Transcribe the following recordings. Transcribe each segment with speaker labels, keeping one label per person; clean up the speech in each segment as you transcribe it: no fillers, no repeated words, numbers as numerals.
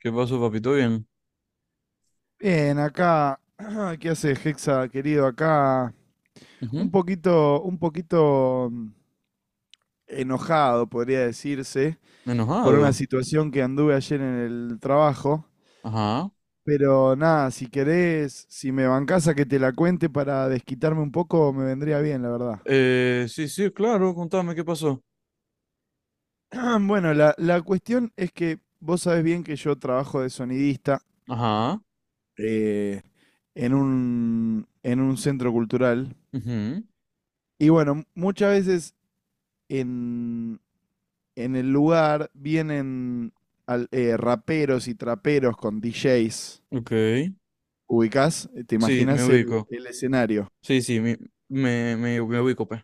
Speaker 1: ¿Qué pasó, papito? Bien.
Speaker 2: Bien, acá, ¿qué hace Hexa, querido? Acá un
Speaker 1: Ujú.
Speaker 2: poquito, un poquito enojado, podría decirse, por una
Speaker 1: Enojado.
Speaker 2: situación que anduve ayer en el trabajo.
Speaker 1: Ajá.
Speaker 2: Pero nada, si querés, si me bancás a que te la cuente para desquitarme un poco, me vendría bien, la verdad.
Speaker 1: Sí, sí, claro, contame qué pasó.
Speaker 2: Bueno, la cuestión es que vos sabés bien que yo trabajo de sonidista
Speaker 1: Ajá.
Speaker 2: eh, en en un centro cultural.
Speaker 1: Ujú.
Speaker 2: Y bueno, muchas veces en, en el lugar vienen raperos y traperos con DJs.
Speaker 1: Ok.
Speaker 2: ¿Ubicás? ¿Te
Speaker 1: Sí, me
Speaker 2: imaginas
Speaker 1: ubico.
Speaker 2: el escenario?
Speaker 1: Sí, sí, me ubico, pues.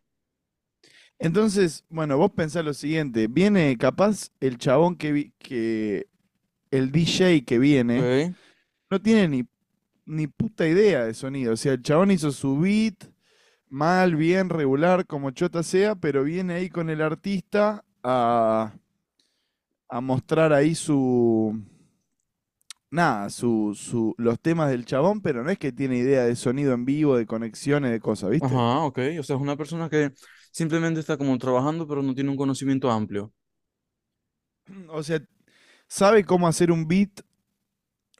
Speaker 2: Entonces, bueno, vos pensás lo siguiente, viene capaz el chabón que, vi- que el DJ que viene,
Speaker 1: Ok.
Speaker 2: no tiene ni, ni puta idea de sonido, o sea, el chabón hizo su beat, mal, bien, regular, como chota sea, pero viene ahí con el a mostrar ahí su, nada, su, los temas del chabón, pero no es que tiene idea de sonido en vivo, de conexiones, de cosas, ¿viste?
Speaker 1: Ajá, ok. O sea, es una persona que simplemente está como trabajando, pero no tiene un conocimiento amplio.
Speaker 2: O sea, sabe cómo hacer un beat,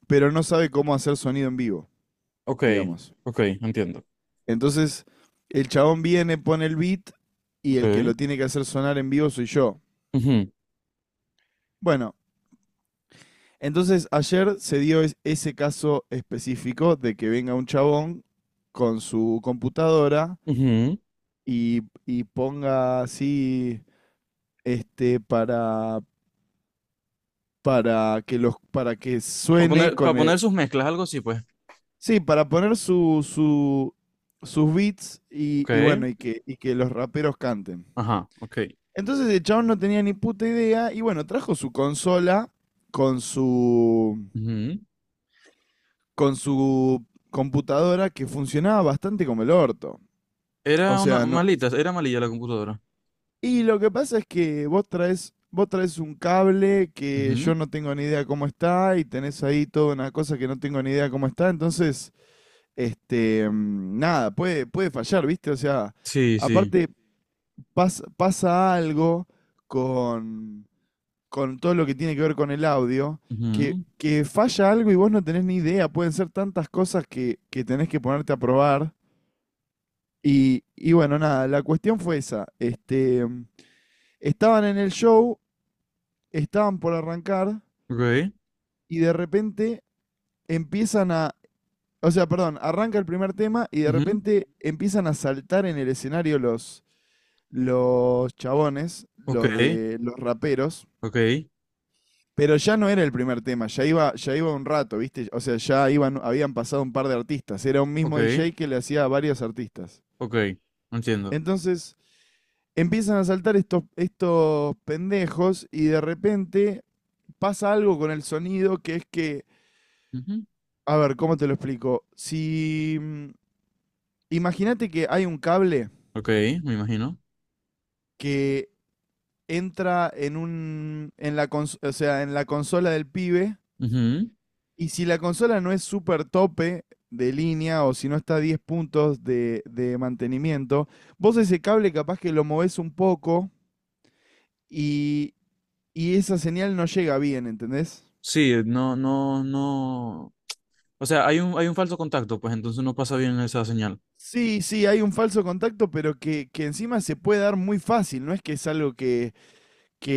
Speaker 2: pero no sabe cómo hacer sonido en vivo,
Speaker 1: Ok,
Speaker 2: digamos.
Speaker 1: ok, entiendo.
Speaker 2: Entonces, el chabón viene, pone el beat y el que
Speaker 1: Ok.
Speaker 2: lo tiene que hacer sonar en vivo soy yo.
Speaker 1: Ujú,
Speaker 2: Bueno, entonces ayer se dio ese caso específico de que venga un chabón con su computadora
Speaker 1: ujú.
Speaker 2: y ponga así, este, para que para que suene
Speaker 1: Para
Speaker 2: con
Speaker 1: poner sus mezclas, algo así, pues.
Speaker 2: sí, para poner sus beats
Speaker 1: Ok.
Speaker 2: y bueno, y que los raperos canten.
Speaker 1: Ajá, ok.
Speaker 2: Entonces el chabón no tenía ni puta idea y bueno, trajo su consola con su,
Speaker 1: Ujú.
Speaker 2: con su computadora que funcionaba bastante como el orto. O
Speaker 1: Era una
Speaker 2: sea, no-
Speaker 1: malita, era malilla la computadora.
Speaker 2: y lo que pasa es que vos traes un cable que
Speaker 1: Ujú.
Speaker 2: yo no tengo ni idea cómo está y tenés ahí toda una cosa que no tengo ni idea cómo está, entonces... nada, puede, puede fallar, ¿viste? O sea,
Speaker 1: Sí, sí.
Speaker 2: aparte pasa algo con, con todo lo que tiene que ver con el audio,
Speaker 1: Ujú,
Speaker 2: que falla algo y vos no tenés ni idea, pueden ser tantas cosas que tenés que ponerte a probar. Y bueno, nada, la cuestión fue esa. Estaban en el show, estaban por arrancar
Speaker 1: okay,
Speaker 2: y de repente empiezan a, o sea, perdón, arranca el primer tema y de
Speaker 1: ujú,
Speaker 2: repente empiezan a saltar en el escenario los chabones, los
Speaker 1: okay,
Speaker 2: de los raperos,
Speaker 1: okay,
Speaker 2: pero ya no era el primer tema, ya iba un rato, ¿viste? O sea, ya iban, habían pasado un par de artistas, era un mismo
Speaker 1: okay,
Speaker 2: DJ que le hacía a varios artistas.
Speaker 1: okay, entiendo.
Speaker 2: Entonces, empiezan a saltar estos pendejos y de repente pasa algo con el sonido que es
Speaker 1: Ujú,
Speaker 2: a ver, ¿cómo te lo explico? Si, mm, Imagínate que hay un cable
Speaker 1: okay, me imagino.
Speaker 2: que entra en un en la o sea, en la consola del pibe
Speaker 1: Ujú,
Speaker 2: y si la consola no es súper tope de línea o si no está a 10 puntos de mantenimiento, vos ese cable capaz que lo movés un poco y, y esa señal no llega bien, ¿entendés?
Speaker 1: sí, no, no, no. O sea, hay un falso contacto, pues entonces no pasa bien esa señal.
Speaker 2: Sí, sí, hay un falso contacto, pero que encima se puede dar muy fácil, no es que es algo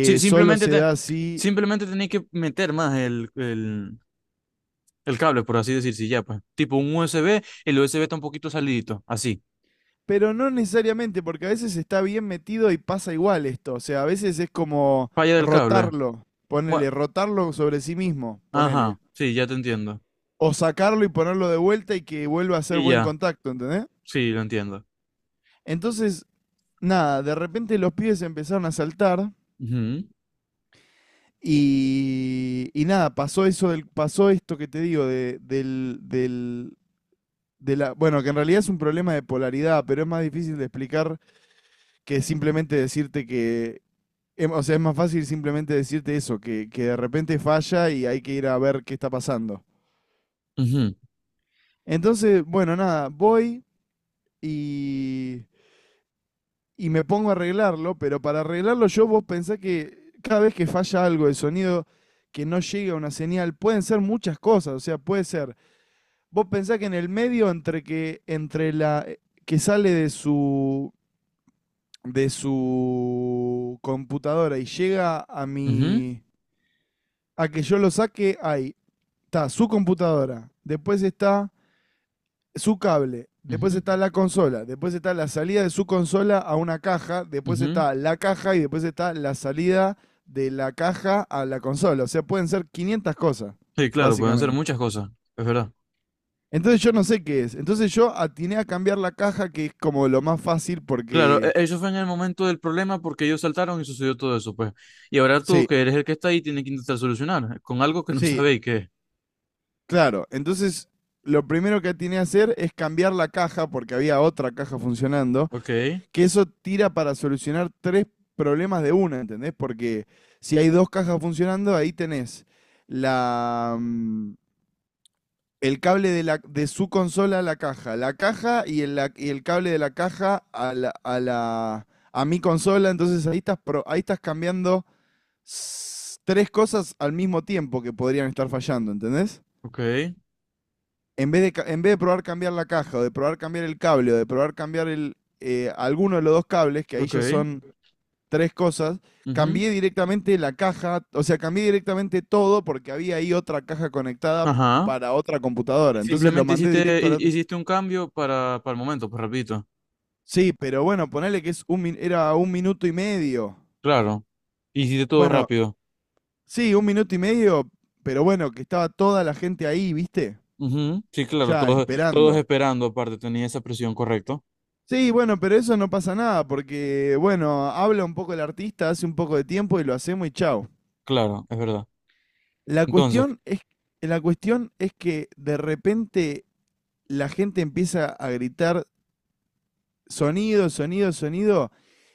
Speaker 1: Sí,
Speaker 2: solo
Speaker 1: simplemente
Speaker 2: se da así.
Speaker 1: simplemente tenéis que meter más el cable, por así decir, sí, ya, pues. Tipo un USB, el USB está un poquito salidito, así.
Speaker 2: Pero no necesariamente, porque a veces está bien metido y pasa igual esto. O sea, a veces es como
Speaker 1: Falla del cable.
Speaker 2: rotarlo,
Speaker 1: Bueno,
Speaker 2: ponele, rotarlo sobre sí mismo, ponele.
Speaker 1: ajá, sí, ya te entiendo.
Speaker 2: O sacarlo y ponerlo de vuelta y que vuelva a ser
Speaker 1: Y
Speaker 2: buen
Speaker 1: ya,
Speaker 2: contacto, ¿entendés?
Speaker 1: sí, lo entiendo.
Speaker 2: Entonces, nada, de repente los pibes empezaron a saltar
Speaker 1: Ujú,
Speaker 2: y nada, pasó eso del, pasó esto que te digo, de, del, del, de la, bueno, que en realidad es un problema de polaridad, pero es más difícil de explicar que simplemente decirte que. O sea, es más fácil simplemente decirte eso, que de repente falla y hay que ir a ver qué está pasando.
Speaker 1: ujú,
Speaker 2: Entonces, bueno, nada, voy y, y me pongo a arreglarlo, pero para arreglarlo yo vos pensá que cada vez que falla algo de sonido, que no llega una señal, pueden ser muchas cosas, o sea, puede ser, vos pensá que en el medio entre la que sale de su computadora y llega a
Speaker 1: ujú,
Speaker 2: a que yo lo saque, hay está su computadora, después está su cable, después
Speaker 1: ujú.
Speaker 2: está la consola, después está la salida de su consola a una caja, después
Speaker 1: Ujú.
Speaker 2: está la caja y después está la salida de la caja a la consola. O sea, pueden ser 500 cosas,
Speaker 1: Sí, claro, pueden ser
Speaker 2: básicamente.
Speaker 1: muchas cosas, es verdad.
Speaker 2: Entonces yo no sé qué es. Entonces yo atiné a cambiar la caja, que es como lo más fácil
Speaker 1: Claro,
Speaker 2: porque...
Speaker 1: eso fue en el momento del problema porque ellos saltaron y sucedió todo eso, pues. Y ahora tú,
Speaker 2: sí,
Speaker 1: que eres el que está ahí, tienes que intentar solucionar con algo que no
Speaker 2: sí,
Speaker 1: sabéis qué es.
Speaker 2: claro. Entonces lo primero que atiné a hacer es cambiar la caja porque había otra caja funcionando,
Speaker 1: Ok,
Speaker 2: que eso tira para solucionar tres problemas de una, ¿entendés? Porque si hay dos cajas funcionando, ahí tenés la, mm, el cable de su consola a la caja y y el cable de la caja a a a mi consola, entonces ahí ahí estás cambiando tres cosas al mismo tiempo que podrían estar fallando, ¿entendés?
Speaker 1: ok,
Speaker 2: En vez de probar cambiar la caja, o de probar cambiar el cable, o de probar cambiar alguno de los dos cables, que ahí
Speaker 1: ok.
Speaker 2: ya son tres cosas.
Speaker 1: Ujú,
Speaker 2: Cambié directamente la caja, o sea, cambié directamente todo porque había ahí otra caja conectada
Speaker 1: ajá.
Speaker 2: para otra computadora. Entonces lo
Speaker 1: Simplemente
Speaker 2: mandé directo a la otra.
Speaker 1: hiciste un cambio para el momento, pues rapidito.
Speaker 2: Sí, pero bueno, ponele que es era un minuto y medio.
Speaker 1: Claro. Hiciste todo
Speaker 2: Bueno,
Speaker 1: rápido.
Speaker 2: sí, un minuto y medio, pero bueno, que estaba toda la gente ahí, ¿viste?
Speaker 1: Ujú, sí, claro,
Speaker 2: Ya
Speaker 1: todos, todos
Speaker 2: esperando.
Speaker 1: esperando, aparte, tenía esa presión, correcto.
Speaker 2: Sí, bueno, pero eso no pasa nada, porque bueno, habla un poco el artista, hace un poco de tiempo y lo hacemos y chao.
Speaker 1: Claro, es verdad.
Speaker 2: La
Speaker 1: Entonces,
Speaker 2: cuestión es, la cuestión es que de repente la gente empieza a gritar sonido, sonido, sonido,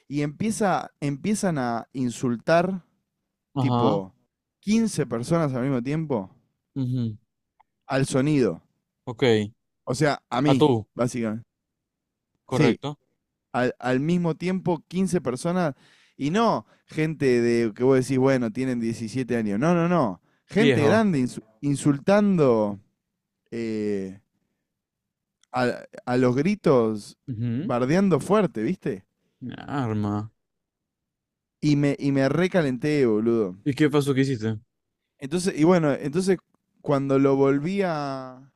Speaker 2: y empiezan a insultar
Speaker 1: ajá.
Speaker 2: tipo 15 personas al mismo tiempo
Speaker 1: Ujú,
Speaker 2: al sonido.
Speaker 1: ok.
Speaker 2: O sea, a
Speaker 1: A tú,
Speaker 2: mí, básicamente. Sí,
Speaker 1: correcto.
Speaker 2: al mismo tiempo 15 personas y no gente de que vos decís, bueno, tienen 17 años. No, no, no. Gente
Speaker 1: Viejo.
Speaker 2: grande insultando eh, a los gritos,
Speaker 1: Ujú.
Speaker 2: bardeando fuerte, ¿viste?
Speaker 1: Una Arma.
Speaker 2: Y me recalenté, boludo.
Speaker 1: ¿Y qué pasó que hiciste?
Speaker 2: Entonces, y bueno, entonces cuando lo volví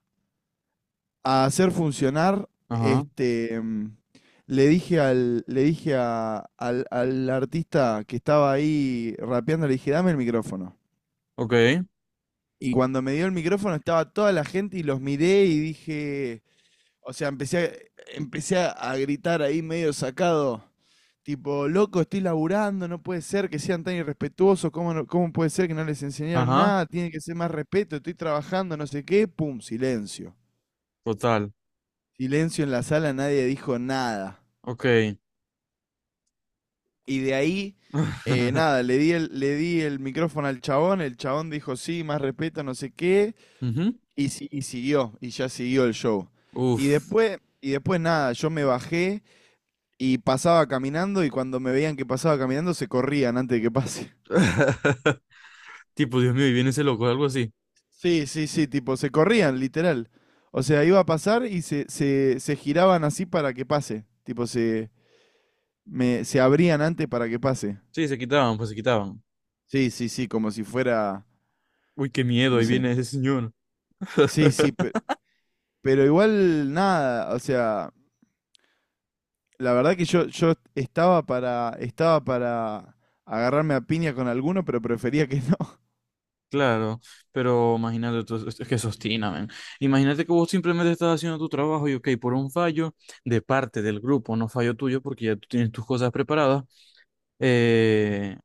Speaker 2: a hacer funcionar,
Speaker 1: Ajá.
Speaker 2: le dije al, le dije a- al, al artista que estaba ahí rapeando, le dije, dame el micrófono.
Speaker 1: Ok.
Speaker 2: Y cuando me dio el micrófono estaba toda la gente y los miré y dije, o sea, empecé a gritar ahí medio sacado. Tipo, loco, estoy laburando, no puede ser que sean tan irrespetuosos, ¿ cómo puede ser que no les enseñaron
Speaker 1: Ajá.
Speaker 2: nada? Tiene que ser más respeto, estoy trabajando, no sé qué, pum, silencio.
Speaker 1: Total.
Speaker 2: Silencio en la sala, nadie dijo nada.
Speaker 1: Ok.
Speaker 2: Y de ahí, nada, le di el micrófono al chabón, el chabón dijo sí, más respeto, no sé qué,
Speaker 1: Ujú.
Speaker 2: y, si- y siguió, y ya siguió el show.
Speaker 1: Uf.
Speaker 2: Y después nada, yo me bajé, y pasaba caminando y cuando me veían que pasaba caminando se corrían antes de que pase.
Speaker 1: Tipo, Dios mío, y viene ese loco, algo así.
Speaker 2: Sí, sí, sí, tipo, se corrían, literal. O sea, iba a pasar y se giraban así para que pase. Tipo, se abrían antes para que pase.
Speaker 1: Sí, se quitaban, pues se quitaban.
Speaker 2: Sí, sí, sí, como si fuera,
Speaker 1: Uy, qué miedo,
Speaker 2: no
Speaker 1: ahí
Speaker 2: sé.
Speaker 1: viene ese señor.
Speaker 2: Sí, sí, pero igual nada, o sea, la verdad que yo estaba estaba para agarrarme a piña con alguno, pero prefería que no.
Speaker 1: Claro, pero imagínate, es que sostina, men. Imagínate que vos simplemente estás haciendo tu trabajo y, ok, por un fallo de parte del grupo, no fallo tuyo, porque ya tú tienes tus cosas preparadas, eh,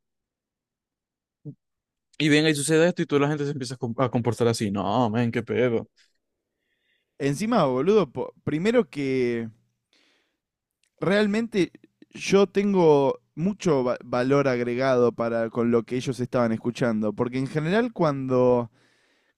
Speaker 1: y venga, y sucede
Speaker 2: Sí.
Speaker 1: esto y toda la gente se empieza a a comportar así. No, men, qué pedo.
Speaker 2: Encima, boludo, primero que... realmente yo tengo mucho valor agregado para con lo que ellos estaban escuchando, porque en general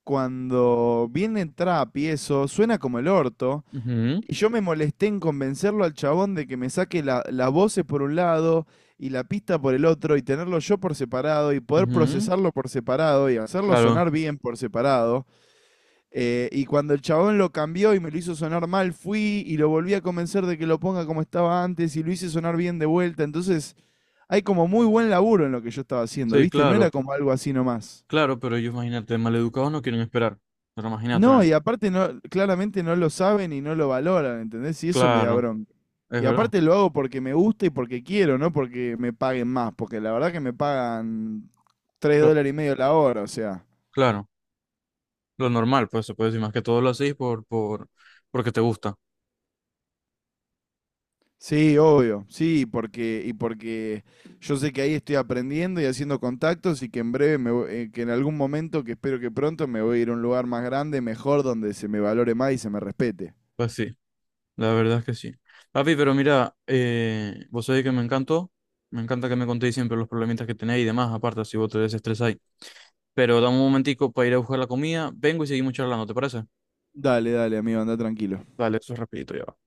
Speaker 2: cuando viene trap y eso suena como el orto
Speaker 1: Ujú,
Speaker 2: y yo me molesté en convencerlo al chabón de que me saque las voces por un lado y la pista por el otro y tenerlo yo por separado y poder
Speaker 1: ujú,
Speaker 2: procesarlo por separado y hacerlo
Speaker 1: claro,
Speaker 2: sonar bien por separado. Y cuando el chabón lo cambió y me lo hizo sonar mal, fui y lo volví a convencer de que lo ponga como estaba antes y lo hice sonar bien de vuelta. Entonces, hay como muy buen laburo en lo que yo estaba haciendo,
Speaker 1: sí,
Speaker 2: ¿viste? No
Speaker 1: claro,
Speaker 2: era como algo así nomás.
Speaker 1: claro, pero ellos, imagínate, maleducados no quieren esperar. Pero imagínate,
Speaker 2: No,
Speaker 1: men.
Speaker 2: y aparte no, claramente no lo saben y no lo valoran, ¿entendés? Y eso me da
Speaker 1: Claro,
Speaker 2: bronca.
Speaker 1: es
Speaker 2: Y
Speaker 1: verdad.
Speaker 2: aparte lo hago porque me gusta y porque quiero, no porque me paguen más, porque la verdad que me pagan 3
Speaker 1: Pero,
Speaker 2: dólares y medio la hora, o sea.
Speaker 1: claro, lo normal, pues se puede decir más que todo lo hacéis porque te gusta.
Speaker 2: Sí, obvio, sí, porque, y porque yo sé que ahí estoy aprendiendo y haciendo contactos y que en breve, que en algún momento, que espero que pronto, me voy a ir a un lugar más grande, mejor, donde se me valore más y se me respete.
Speaker 1: Pues sí, la verdad es que sí. Papi, pero mira, vos sabés que me encantó. Me encanta que me contéis siempre los problemitas que tenéis y demás, aparte si vos te desestresáis. Pero dame un momentico para ir a buscar la comida. Vengo y seguimos charlando, ¿te parece?
Speaker 2: Dale, dale, amigo, anda tranquilo.
Speaker 1: Dale, eso es rapidito ya va.